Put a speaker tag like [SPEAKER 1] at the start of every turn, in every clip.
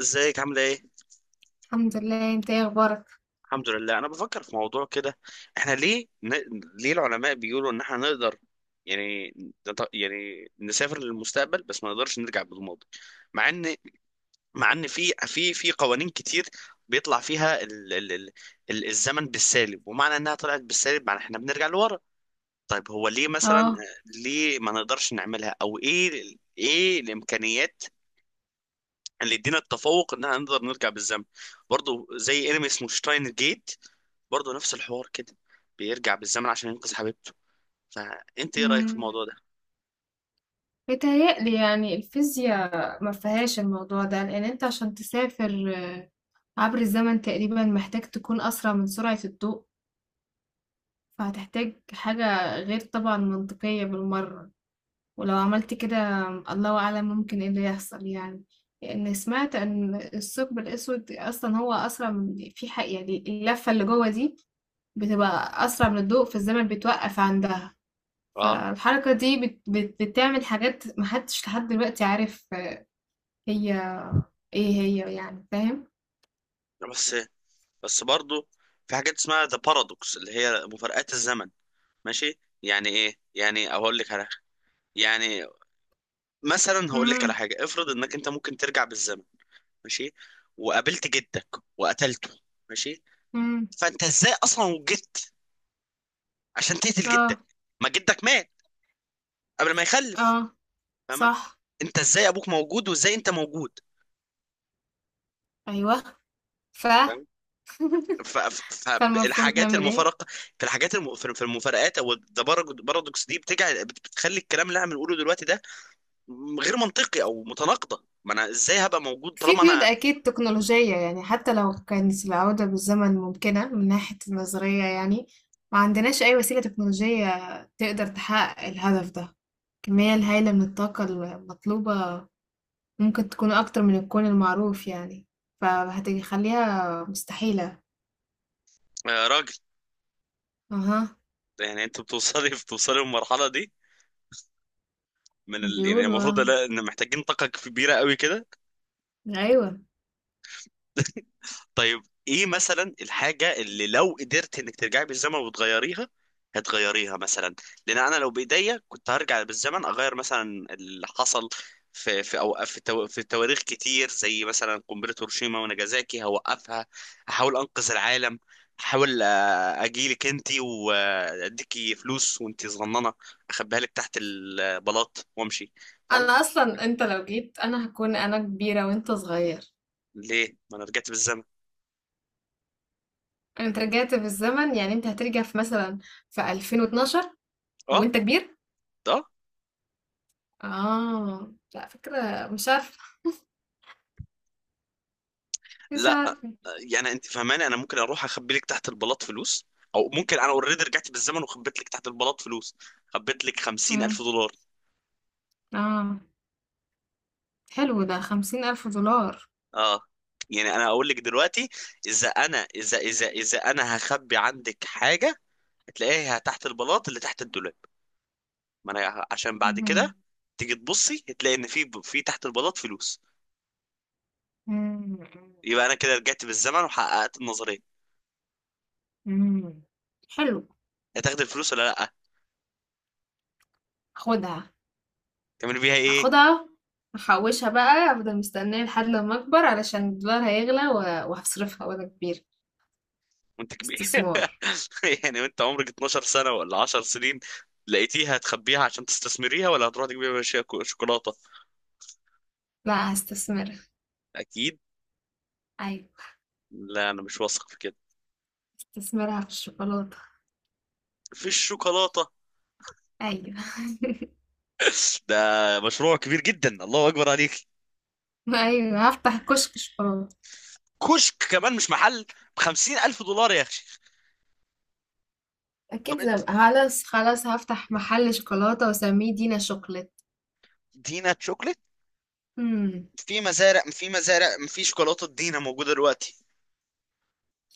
[SPEAKER 1] ازيك؟ عامله ايه؟
[SPEAKER 2] الحمد لله، انت ايه اخبارك؟
[SPEAKER 1] الحمد لله. انا بفكر في موضوع كده. احنا ليه ن... ليه العلماء بيقولوا ان احنا نقدر، يعني، يعني نسافر للمستقبل بس ما نقدرش نرجع بالماضي. مع ان مع ان في قوانين كتير بيطلع فيها الزمن بالسالب، ومعنى انها طلعت بالسالب معنى احنا بنرجع لورا. طيب هو ليه مثلا،
[SPEAKER 2] اه.
[SPEAKER 1] ليه ما نقدرش نعملها، او ايه ايه الامكانيات اللي يدينا التفوق ان احنا نقدر نرجع بالزمن؟ برضه زي انمي اسمه شتاين جيت، برضه نفس الحوار كده، بيرجع بالزمن عشان ينقذ حبيبته. فانت ايه رايك في الموضوع
[SPEAKER 2] امم
[SPEAKER 1] ده؟
[SPEAKER 2] بيتهيألي يعني الفيزياء ما فيهاش الموضوع ده، لان انت عشان تسافر عبر الزمن تقريبا محتاج تكون اسرع من سرعة الضوء. فهتحتاج حاجة غير طبعا منطقية بالمرة. ولو عملت كده الله اعلم ممكن ايه اللي يحصل يعني. لان سمعت ان الثقب الاسود اصلا هو اسرع من في حق، يعني اللفة اللي جوه دي بتبقى اسرع من الضوء، فالزمن بيتوقف عندها.
[SPEAKER 1] اه.
[SPEAKER 2] فالحركة دي بت بت بتعمل حاجات محدش لحد دلوقتي عارف هي ايه هي، يعني فاهم؟
[SPEAKER 1] بس بس برضه في حاجات اسمها ذا بارادوكس اللي هي مفارقات الزمن، ماشي، يعني ايه؟ يعني اقول لك على حاجة. يعني مثلا هقول لك على
[SPEAKER 2] امم،
[SPEAKER 1] حاجه: افرض انك انت ممكن ترجع بالزمن، ماشي، وقابلت جدك وقتلته، ماشي.
[SPEAKER 2] امم،
[SPEAKER 1] فانت ازاي اصلا وجدت عشان تقتل
[SPEAKER 2] اه،
[SPEAKER 1] جدك؟ ما جدك مات قبل ما يخلف.
[SPEAKER 2] اه،
[SPEAKER 1] فاهمه؟
[SPEAKER 2] صح،
[SPEAKER 1] انت ازاي ابوك موجود وازاي انت موجود؟
[SPEAKER 2] ايوه. ف
[SPEAKER 1] فاهم؟
[SPEAKER 2] فالمفروض
[SPEAKER 1] فالحاجات
[SPEAKER 2] نعمل ايه؟
[SPEAKER 1] المفارقه، في في المفارقات، او البارادوكس دي، بتجعل بتخلي الكلام اللي احنا بنقوله دلوقتي ده غير منطقي او متناقضه. ما انا ازاي هبقى موجود
[SPEAKER 2] في
[SPEAKER 1] طالما
[SPEAKER 2] قيود
[SPEAKER 1] انا
[SPEAKER 2] اكيد تكنولوجية، يعني حتى لو كانت العودة بالزمن ممكنة من ناحية النظرية، يعني ما عندناش اي وسيلة تكنولوجية تقدر تحقق الهدف ده. الكمية الهائلة من الطاقة المطلوبة ممكن تكون أكتر من الكون المعروف يعني، فهتخليها مستحيلة.
[SPEAKER 1] راجل؟
[SPEAKER 2] أها.
[SPEAKER 1] يعني انت بتوصلي للمرحله دي من يعني
[SPEAKER 2] بيقولوا
[SPEAKER 1] المفروض،
[SPEAKER 2] آه.
[SPEAKER 1] لا، ان محتاجين طاقه كبيره قوي كده.
[SPEAKER 2] أيوة.
[SPEAKER 1] طيب ايه مثلا الحاجة اللي لو قدرت انك ترجعي بالزمن وتغيريها هتغيريها مثلا؟ لان انا لو بايديا كنت هرجع بالزمن اغير مثلا اللي حصل في في او في تو- في تواريخ كتير، زي مثلا قنبلة هيروشيما وناجازاكي هوقفها، احاول انقذ العالم. احاول، اجيلك انتي واديكي فلوس وانتي صغننة، اخبيها لك تحت البلاط وامشي.
[SPEAKER 2] أنا
[SPEAKER 1] فاهمة؟
[SPEAKER 2] أصلا أنت لو جيت أنا هكون أنا كبيرة وأنت صغير.
[SPEAKER 1] ليه، ما انا رجعت بالزمن.
[SPEAKER 2] أنت رجعت في الزمن، يعني أنت هترجع في مثلا في 2012
[SPEAKER 1] اه.
[SPEAKER 2] وأنت كبير.
[SPEAKER 1] ده
[SPEAKER 2] آه، لا فكرة، مش عارفة، مش عارفة.
[SPEAKER 1] يعني انت فهماني انا ممكن اروح اخبي لك تحت البلاط فلوس، او ممكن انا اوريدي رجعت بالزمن وخبيت لك تحت البلاط فلوس. خبيت لك
[SPEAKER 2] مم.
[SPEAKER 1] 50 الف دولار.
[SPEAKER 2] آه. حلو، ده 50,000 دولار.
[SPEAKER 1] اه. يعني انا اقول لك دلوقتي: اذا انا اذا اذا اذا انا هخبي عندك حاجه، هتلاقيها تحت البلاط اللي تحت الدولاب. ما انا عشان بعد
[SPEAKER 2] مم.
[SPEAKER 1] كده تيجي تبصي هتلاقي ان في تحت البلاط فلوس.
[SPEAKER 2] مم.
[SPEAKER 1] يبقى انا كده رجعت بالزمن وحققت النظريه.
[SPEAKER 2] مم. حلو.
[SPEAKER 1] هتاخد الفلوس ولا لا؟
[SPEAKER 2] خدها.
[SPEAKER 1] تعمل بيها ايه؟
[SPEAKER 2] هاخدها. هحوشها بقى، افضل مستنية لحد لما اكبر علشان الدولار هيغلى وهصرفها وانا كبير.
[SPEAKER 1] وانت كبير.
[SPEAKER 2] استثمار.
[SPEAKER 1] يعني وانت عمرك 12 سنة ولا 10 سنين لقيتيها، هتخبيها عشان تستثمريها، ولا هتروح تجيبيها شوكولاتة؟
[SPEAKER 2] لا، هستثمرها.
[SPEAKER 1] اكيد.
[SPEAKER 2] ايوه.
[SPEAKER 1] لا، انا مش واثق في كده.
[SPEAKER 2] هستثمرها في الشوكولاتة.
[SPEAKER 1] في الشوكولاتة.
[SPEAKER 2] ايوه.
[SPEAKER 1] ده مشروع كبير جدا، الله اكبر عليك!
[SPEAKER 2] ايوه، هفتح كشك شوكولاتة.
[SPEAKER 1] كشك كمان مش محل، بخمسين الف دولار يا اخي!
[SPEAKER 2] اكيد
[SPEAKER 1] طب انت،
[SPEAKER 2] زي خلاص خلاص، هفتح محل شوكولاتة واسميه دينا شوكليت.
[SPEAKER 1] دينا شوكليت،
[SPEAKER 2] امم.
[SPEAKER 1] في مزارع في شوكولاته دينا موجوده دلوقتي؟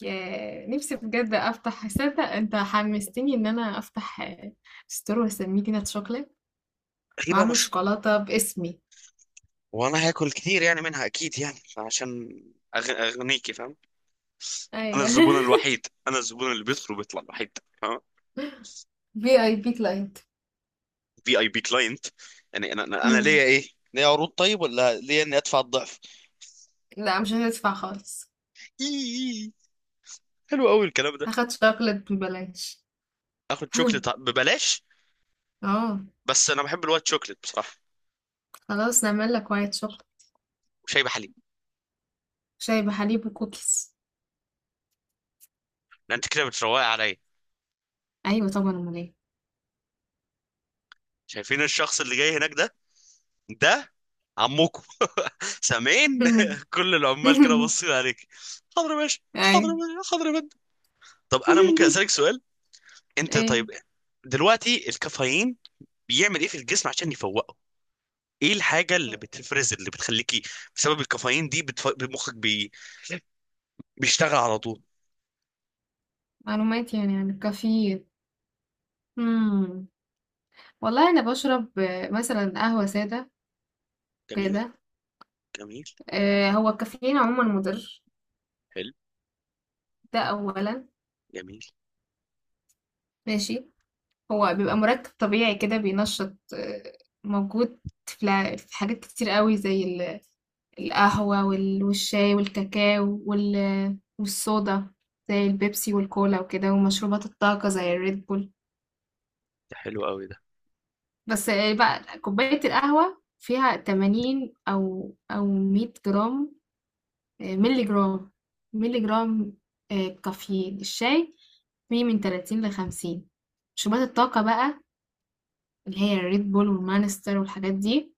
[SPEAKER 2] يا نفسي بجد افتح، تصدق انت حمستني ان انا افتح آه، ستور واسميه دينا شوكليت.
[SPEAKER 1] غريبه،
[SPEAKER 2] واعمل
[SPEAKER 1] مش؟
[SPEAKER 2] شوكولاتة باسمي.
[SPEAKER 1] وانا هاكل كتير يعني منها اكيد، يعني عشان اغنيكي، فاهم؟ انا
[SPEAKER 2] ايوه.
[SPEAKER 1] الزبون الوحيد، انا الزبون اللي بيدخل وبيطلع الوحيد،
[SPEAKER 2] في اي بي كلاينت.
[SPEAKER 1] في اي بي كلاينت. يعني انا
[SPEAKER 2] مم.
[SPEAKER 1] ليا ايه؟ ليا عروض طيب ولا ليا اني ادفع الضعف؟
[SPEAKER 2] لا، مش هتدفع خالص.
[SPEAKER 1] إيه. حلو قوي الكلام ده.
[SPEAKER 2] هاخد شوكليت ببلاش.
[SPEAKER 1] اخد شوكليت ببلاش.
[SPEAKER 2] اه.
[SPEAKER 1] بس انا بحب الوايت شوكليت بصراحه،
[SPEAKER 2] خلاص نعمل لك وايت شوكليت.
[SPEAKER 1] وشاي بحليب.
[SPEAKER 2] شاي بحليب وكوكيز.
[SPEAKER 1] لان انت كده بتروقي عليا.
[SPEAKER 2] ايوه طبعا، امال ايه؟
[SPEAKER 1] شايفين الشخص اللي جاي هناك ده؟ ده عمكم. سامعين؟ كل العمال كده باصين عليك. حاضر يا باشا. حاضر
[SPEAKER 2] ايوه.
[SPEAKER 1] يا باشا، حاضر يا باشا. طب انا ممكن اسالك سؤال؟ انت
[SPEAKER 2] ايه؟
[SPEAKER 1] طيب، دلوقتي الكافيين بيعمل ايه في الجسم عشان يفوق؟ ايه الحاجه اللي بتفرز اللي بتخليكي، بسبب الكافيين دي، بيشتغل على طول؟
[SPEAKER 2] معلومات يعني عن الكافيين. مم. والله انا بشرب آه، مثلا قهوة سادة
[SPEAKER 1] جميل.
[SPEAKER 2] كده.
[SPEAKER 1] جميل.
[SPEAKER 2] آه، هو الكافيين عموما مضر.
[SPEAKER 1] حلو.
[SPEAKER 2] ده اولا.
[SPEAKER 1] جميل.
[SPEAKER 2] ماشي. هو بيبقى مركب طبيعي كده، بينشط آه، موجود في في حاجات كتير قوي زي القهوة والشاي والكاكاو والصودا، زي البيبسي والكولا وكده، ومشروبات الطاقة زي الريد بول.
[SPEAKER 1] ده حلو قوي ده.
[SPEAKER 2] بس آه، بقى كوباية القهوة فيها 80 أو 100 جرام. آه، ملي جرام، ملي جرام. آه، كافيين الشاي فيه من 30 ل 50. مشروبات الطاقة بقى، اللي هي الريد بول والمانستر والحاجات دي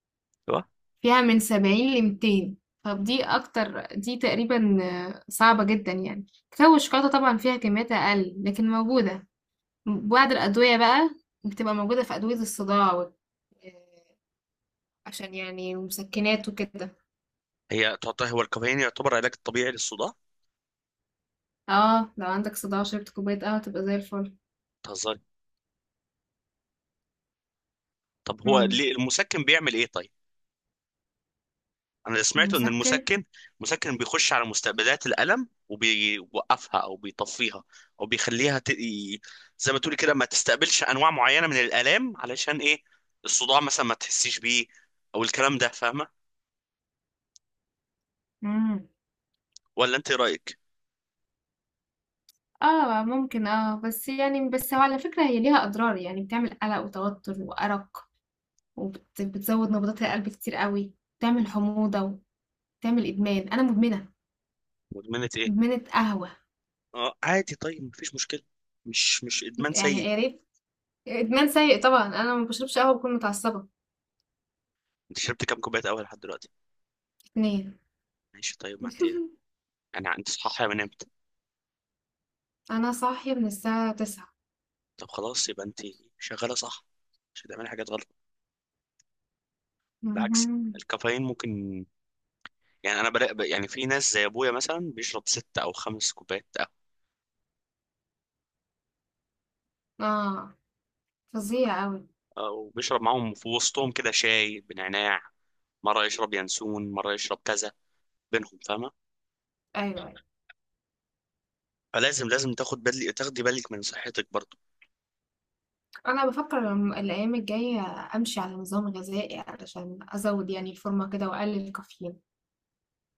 [SPEAKER 1] هو
[SPEAKER 2] فيها من 70 ل 200. طب دي اكتر، دي تقريبا آه، صعبة جدا يعني. كاكاو والشوكولاتة طبعا فيها كميات اقل لكن موجودة. بعض الادوية بقى بتبقى موجودة في ادوية الصداع آه، عشان يعني مسكنات وكده.
[SPEAKER 1] هي تعطيه؟ هو الكافيين يعتبر علاج طبيعي للصداع؟
[SPEAKER 2] اه، لو عندك صداع وشربت كوباية قهوة تبقى زي الفل.
[SPEAKER 1] تهزري. طب هو
[SPEAKER 2] امم.
[SPEAKER 1] ليه المسكن بيعمل ايه طيب؟ انا اللي سمعته ان
[SPEAKER 2] مسكن.
[SPEAKER 1] المسكن بيخش على مستقبلات الالم وبيوقفها او بيطفيها، او بيخليها زي ما تقولي كده ما تستقبلش انواع معينه من الالام، علشان ايه؟ الصداع مثلا ما تحسيش بيه، او الكلام ده. فاهمه؟
[SPEAKER 2] امم.
[SPEAKER 1] ولا انت ايه رايك؟
[SPEAKER 2] اه، ممكن، اه. بس يعني، بس هو على فكرة هي ليها اضرار، يعني بتعمل قلق وتوتر وارق، وبتزود نبضات القلب كتير قوي، بتعمل حموضة، تعمل إدمان، أنا مدمنة،
[SPEAKER 1] مدمنه ايه؟
[SPEAKER 2] مدمنة قهوة،
[SPEAKER 1] اه، عادي طيب، مفيش مشكله. مش ادمان
[SPEAKER 2] يعني
[SPEAKER 1] سيء.
[SPEAKER 2] يا ريت. إدمان سيء طبعًا، أنا ما باشربش قهوة باكون متعصبة.
[SPEAKER 1] انت شربت كام كوبايه قهوه لحد دلوقتي؟
[SPEAKER 2] 2.
[SPEAKER 1] ماشي طيب، ما انت ايه ده. انا، انت صحيح من امتى؟
[SPEAKER 2] أنا صاحية من الساعة 09:00.
[SPEAKER 1] طب خلاص، يبقى انت شغاله صح، مش هتعملي حاجات غلط، بالعكس.
[SPEAKER 2] اهم.
[SPEAKER 1] الكافيين ممكن، يعني انا بلاقي يعني في ناس زي ابويا مثلا بيشرب ست او خمس كوبايات قهوه،
[SPEAKER 2] آه، فظيع أوي.
[SPEAKER 1] اه، وبيشرب معاهم في وسطهم كده شاي بنعناع، مره يشرب ينسون، مره يشرب كذا، بينهم، فاهمه؟
[SPEAKER 2] أيوه، أيوه.
[SPEAKER 1] فلازم، لازم تاخدي بالك من صحتك برضه.
[SPEAKER 2] أنا بافكر م الأيام الجاية أمشي على نظام غذائي علشان أزوّد يعني الفورمة كده وأقلل الكافيين.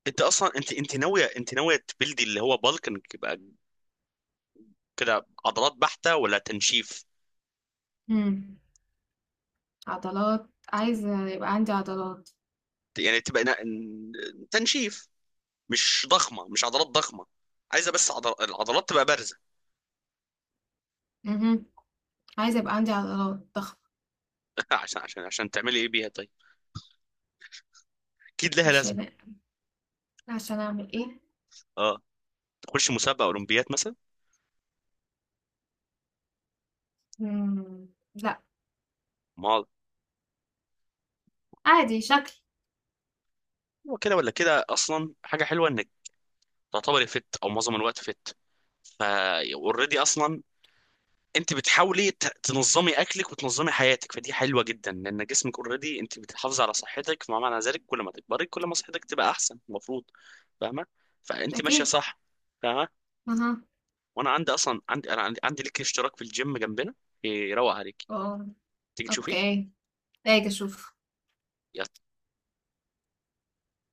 [SPEAKER 1] انت اصلا، انت ناويه، تبلدي اللي هو بالكنج، يبقى كده عضلات بحته ولا تنشيف؟
[SPEAKER 2] إمم. عضلات. عايزة يبقى عندي عضلات.
[SPEAKER 1] يعني تبقى تنشيف، مش ضخمه، مش عضلات ضخمه، عايزه بس العضلات تبقى بارزه.
[SPEAKER 2] اهم. عايزة يبقى عندي عضلات ضخمة.
[SPEAKER 1] عشان تعملي ايه بيها طيب؟ اكيد لها لازمه.
[SPEAKER 2] عشان عشان أعمل إيه؟
[SPEAKER 1] اه، تخش مسابقه اولمبيات مثلا.
[SPEAKER 2] إمم. لأ.
[SPEAKER 1] ما
[SPEAKER 2] عادي شكل.
[SPEAKER 1] هو كده ولا كده اصلا حاجه حلوه انك تعتبري فت او معظم الوقت فت. فا اوريدي اصلا انت بتحاولي تنظمي اكلك وتنظمي حياتك، فدي حلوه جدا، لان جسمك اوريدي. انت بتحافظي على صحتك، فما معنى ذلك كل ما تكبري كل ما صحتك تبقى احسن، المفروض. فاهمه؟ فانت ماشيه
[SPEAKER 2] أكيد.
[SPEAKER 1] صح. فاهمه؟
[SPEAKER 2] أها.
[SPEAKER 1] وانا عندي اصلا عندي لك اشتراك في الجيم جنبنا، يروق عليك،
[SPEAKER 2] آه.
[SPEAKER 1] تيجي تشوفيه.
[SPEAKER 2] أوكي. هاجي أشوف.